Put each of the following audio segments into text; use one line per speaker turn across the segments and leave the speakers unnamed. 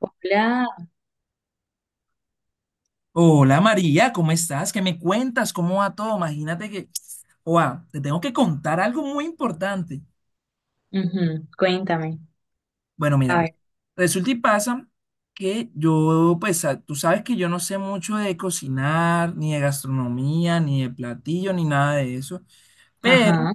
Hola,
Hola María, ¿cómo estás? ¿Qué me cuentas? ¿Cómo va todo? Imagínate que, wow, te tengo que contar algo muy importante.
ujú, cuéntame.
Bueno,
A
mira,
ver,
resulta y pasa que yo, pues tú sabes que yo no sé mucho de cocinar, ni de gastronomía, ni de platillo, ni nada de eso, pero
ajá.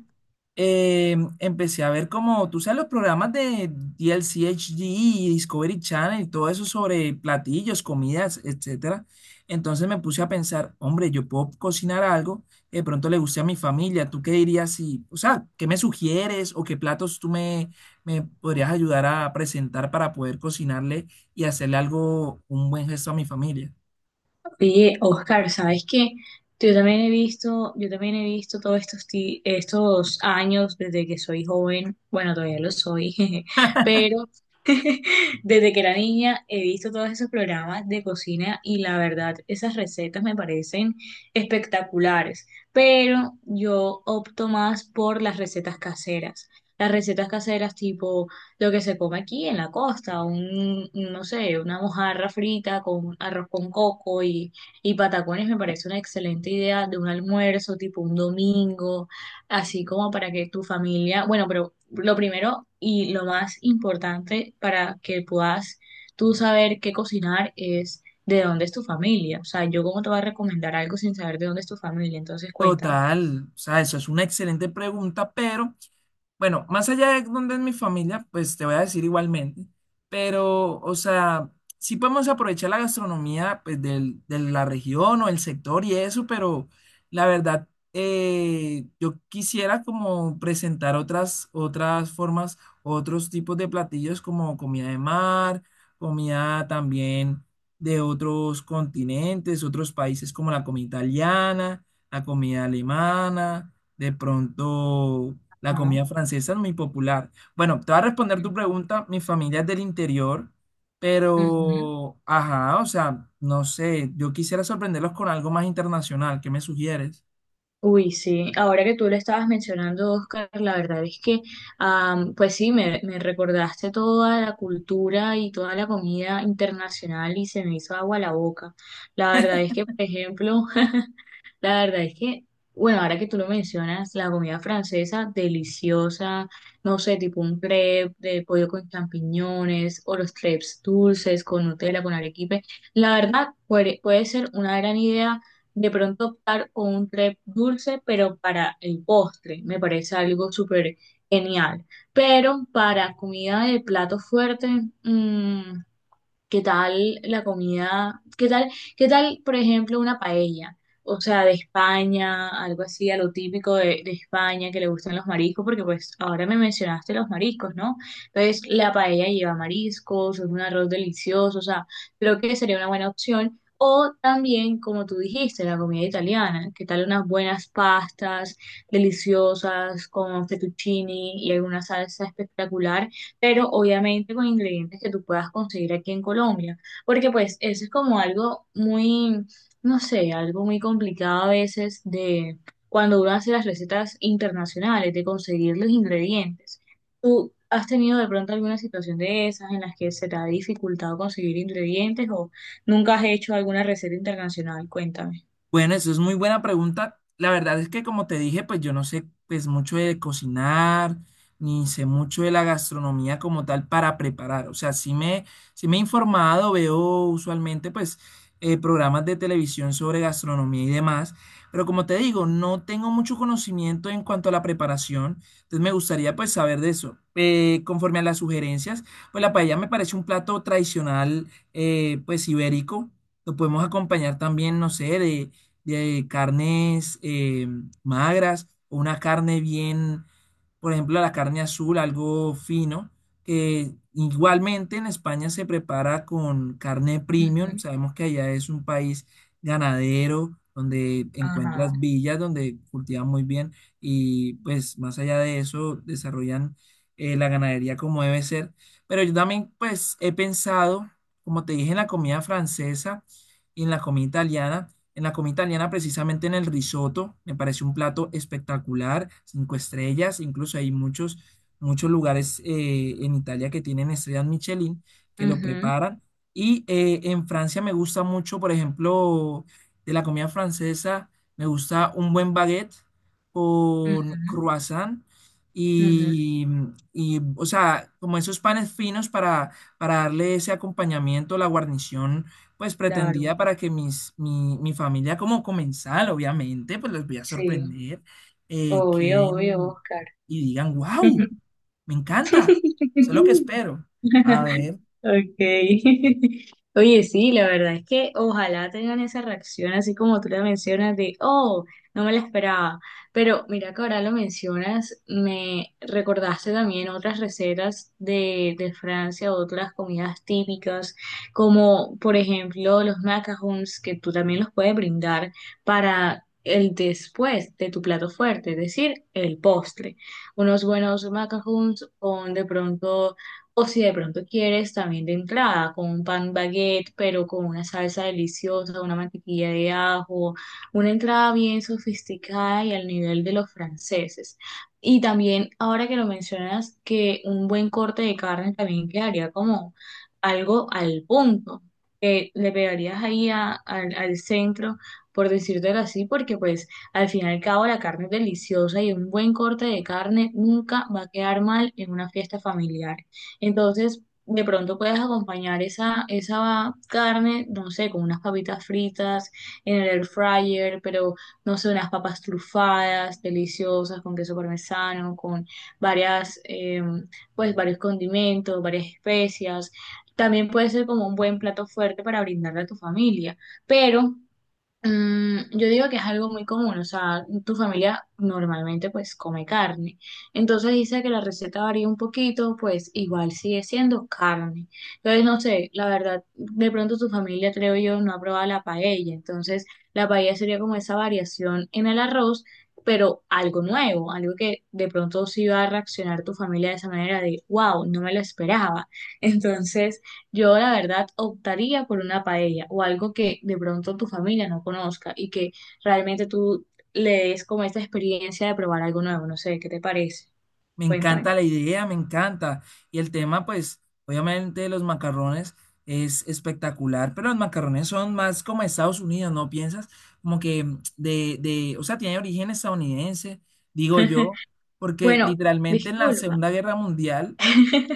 empecé a ver como, tú sabes, los programas de DLCHD y Discovery Channel y todo eso sobre platillos, comidas, etcétera. Entonces me puse a pensar, hombre, yo puedo cocinar algo que de pronto le guste a mi familia. ¿Tú qué dirías si, o sea, qué me sugieres o qué platos me podrías ayudar a presentar para poder cocinarle y hacerle algo, un buen gesto a mi familia?
Oye, Oscar, ¿sabes qué? Yo también he visto todos estos años desde que soy joven, bueno, todavía lo soy, jeje, pero desde que era niña he visto todos esos programas de cocina, y la verdad, esas recetas me parecen espectaculares, pero yo opto más por las recetas caseras. Las recetas caseras tipo lo que se come aquí en la costa, un, no sé, una mojarra frita con arroz con coco y patacones me parece una excelente idea de un almuerzo tipo un domingo, así como para que tu familia, bueno, pero lo primero y lo más importante para que puedas tú saber qué cocinar es de dónde es tu familia. O sea, yo cómo te voy a recomendar algo sin saber de dónde es tu familia, entonces cuéntame.
Total, o sea, eso es una excelente pregunta, pero bueno, más allá de dónde es mi familia, pues te voy a decir igualmente, pero, o sea, sí podemos aprovechar la gastronomía pues, de la región o el sector y eso, pero la verdad, yo quisiera como presentar otras formas, otros tipos de platillos como comida de mar, comida también de otros continentes, otros países como la comida italiana, la comida alemana. De pronto, la
Ah,
comida francesa es muy popular. Bueno, te voy a responder
bueno.
tu pregunta. Mi familia es del interior,
Ujú.
pero, ajá, o sea, no sé, yo quisiera sorprenderlos con algo más internacional. ¿Qué me sugieres?
Uy, sí, ahora que tú lo estabas mencionando, Oscar, la verdad es que, pues sí, me recordaste toda la cultura y toda la comida internacional, y se me hizo agua la boca. La verdad es que, por ejemplo, La verdad es que, bueno, ahora que tú lo mencionas, la comida francesa, deliciosa, no sé, tipo un crepe de pollo con champiñones, o los crepes dulces con Nutella, con arequipe. La verdad, puede ser una gran idea de pronto optar con un crepe dulce, pero para el postre, me parece algo súper genial. Pero para comida de plato fuerte, mm, ¿qué tal la comida? ¿Qué tal, por ejemplo, una paella? O sea, de España, algo así, a lo típico de, España, que le gustan los mariscos, porque pues ahora me mencionaste los mariscos, ¿no? Entonces, la paella lleva mariscos, es un arroz delicioso, o sea, creo que sería una buena opción. O también, como tú dijiste, la comida italiana. ¿Qué tal unas buenas pastas deliciosas con fettuccini y alguna salsa espectacular? Pero obviamente con ingredientes que tú puedas conseguir aquí en Colombia, porque pues eso es como algo muy, no sé, algo muy complicado a veces de cuando uno hace las recetas internacionales, de conseguir los ingredientes. ¿Tú has tenido de pronto alguna situación de esas en las que se te ha dificultado conseguir ingredientes, o nunca has hecho alguna receta internacional? Cuéntame.
Bueno, eso es muy buena pregunta. La verdad es que como te dije, pues yo no sé pues mucho de cocinar, ni sé mucho de la gastronomía como tal para preparar. O sea, sí me he informado, veo usualmente pues programas de televisión sobre gastronomía y demás, pero como te digo, no tengo mucho conocimiento en cuanto a la preparación, entonces me gustaría pues saber de eso. Conforme a las sugerencias, pues la paella me parece un plato tradicional pues ibérico. Lo podemos acompañar también, no sé, de carnes magras, o una carne bien, por ejemplo, la carne azul, algo fino, que igualmente en España se prepara con carne premium.
Ujú.
Sabemos que allá es un país ganadero, donde
Ajá.
encuentras villas, donde cultivan muy bien y pues más allá de eso desarrollan la ganadería como debe ser. Pero yo también pues he pensado, como te dije, en la comida francesa y en la comida italiana. En la comida italiana, precisamente en el risotto, me parece un plato espectacular, cinco estrellas, incluso hay muchos lugares en Italia que tienen estrellas Michelin que lo
Ujú,
preparan. Y en Francia me gusta mucho, por ejemplo, de la comida francesa, me gusta un buen baguette con
ujú,
croissant
ujú.
y, o sea, como esos panes finos para darle ese acompañamiento, la guarnición pues
Claro.
pretendía para que mi familia como comensal, obviamente, pues les voy a
Sí.
sorprender,
Obvio, obvio,
queden
Oscar.
y digan, wow, me encanta, eso es lo que espero. A ver,
Okay. Oye, sí, la verdad es que ojalá tengan esa reacción así como tú la mencionas de, oh, no me la esperaba. Pero mira que ahora lo mencionas, me recordaste también otras recetas de Francia, otras comidas típicas, como por ejemplo los macarons, que tú también los puedes brindar para el después de tu plato fuerte, es decir, el postre. Unos buenos macarons con de pronto, o si de pronto quieres también de entrada, con un pan baguette, pero con una salsa deliciosa, una mantequilla de ajo, una entrada bien sofisticada y al nivel de los franceses. Y también, ahora que lo mencionas, que un buen corte de carne también quedaría como algo al punto, que le pegarías ahí al centro, por decírtelo así, porque pues al fin y al cabo la carne es deliciosa y un buen corte de carne nunca va a quedar mal en una fiesta familiar. Entonces, de pronto puedes acompañar esa carne, no sé, con unas papitas fritas en el air fryer, pero no sé, unas papas trufadas, deliciosas, con queso parmesano, con varias, pues varios condimentos, varias especias. También puede ser como un buen plato fuerte para brindarle a tu familia, pero yo digo que es algo muy común, o sea, tu familia normalmente pues come carne, entonces dice que la receta varía un poquito, pues igual sigue siendo carne. Entonces, no sé, la verdad, de pronto tu familia, creo yo, no ha probado la paella, entonces la paella sería como esa variación en el arroz, pero algo nuevo, algo que de pronto sí va a reaccionar tu familia de esa manera de, wow, no me lo esperaba. Entonces... Yo la verdad optaría por una paella, o algo que de pronto tu familia no conozca y que realmente tú le des como esta experiencia de probar algo nuevo. No sé, ¿qué te parece?
me
Cuéntame.
encanta la idea, me encanta. Y el tema, pues, obviamente los macarrones es espectacular, pero los macarrones son más como Estados Unidos, ¿no piensas? Como que o sea, tiene origen estadounidense, digo yo, porque
Bueno,
literalmente en la
disculpa.
Segunda Guerra Mundial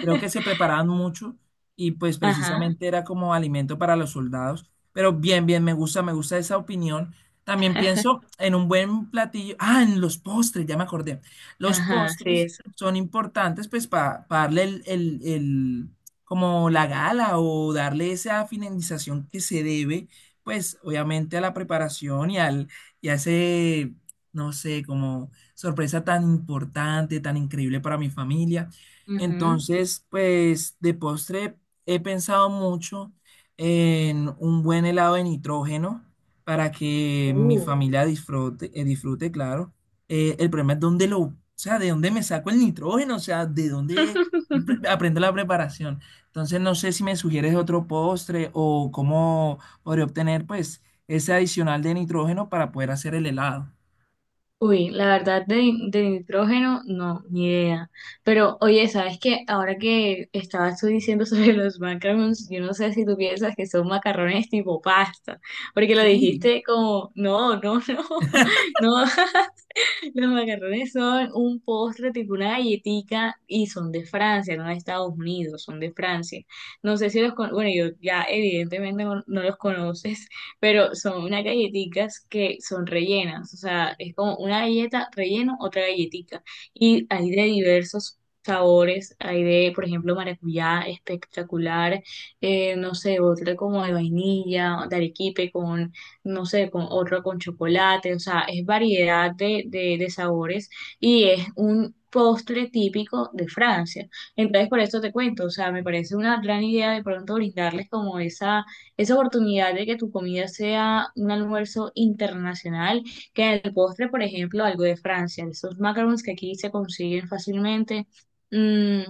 creo que se preparaban mucho y pues
Ajá,
precisamente era como alimento para los soldados. Pero bien, bien, me gusta esa opinión. También pienso en un buen platillo, ah, en los postres, ya me acordé. Los
ajá, sí,
postres
eso.
son importantes pues para darle como la gala o darle esa finalización que se debe pues obviamente a la preparación y al y a ese no sé como sorpresa tan importante, tan increíble para mi familia.
Ujú.
Entonces pues de postre he pensado mucho en un buen helado de nitrógeno para que mi
Uh.
familia disfrute, disfrute, claro el problema es dónde o sea, de dónde me saco el nitrógeno, o sea, de dónde aprendo la preparación. Entonces, no sé si me sugieres otro postre o cómo podría obtener, pues, ese adicional de nitrógeno para poder hacer el helado.
Uy, la verdad de, nitrógeno, no, ni idea. Pero oye, ¿sabes qué? Ahora que estabas tú diciendo sobre los macarons, yo no sé si tú piensas que son macarrones tipo pasta, porque lo
Sí,
dijiste como, no, no, no, no. Los macarrones son un postre tipo una galletica y son de Francia, no de Estados Unidos, son de Francia. No sé si los con, bueno, yo ya evidentemente no no los conoces, pero son unas galletitas que son rellenas, o sea, es como una galleta relleno, otra galletica, y hay de diversos sabores, hay de, por ejemplo, maracuyá espectacular, no sé, otra como de vainilla, de arequipe con, no sé, con otro con chocolate, o sea, es variedad de, de sabores, y es un postre típico de Francia. Entonces, por eso te cuento, o sea, me parece una gran idea de pronto brindarles como esa oportunidad de que tu comida sea un almuerzo internacional, que en el postre, por ejemplo, algo de Francia, esos macarons que aquí se consiguen fácilmente. mm,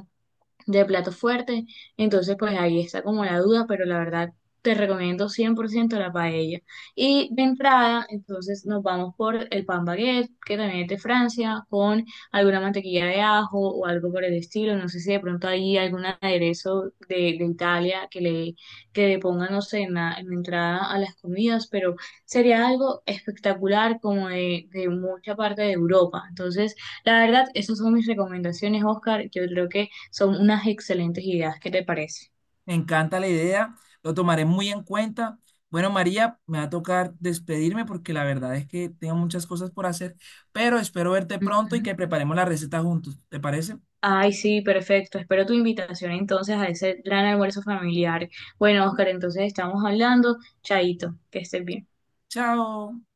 de plato fuerte. Entonces, pues ahí está como la duda, pero la verdad te recomiendo 100% la paella. Y de entrada, entonces nos vamos por el pan baguette, que también es de Francia, con alguna mantequilla de ajo o algo por el estilo. No sé si de pronto hay algún aderezo de, Italia que le pongan, no sé, en la entrada a las comidas, pero sería algo espectacular como de mucha parte de Europa. Entonces, la verdad, esas son mis recomendaciones, Oscar. Yo creo que son unas excelentes ideas, ¿qué te parece?
me encanta la idea, lo tomaré muy en cuenta. Bueno, María, me va a tocar despedirme porque la verdad es que tengo muchas cosas por hacer, pero espero verte
Ujú.
pronto y que preparemos la receta juntos. ¿Te parece?
Ay, sí, perfecto. Espero tu invitación entonces a ese gran almuerzo familiar. Bueno, Oscar, entonces estamos hablando. Chaito, que estés bien.
Chao.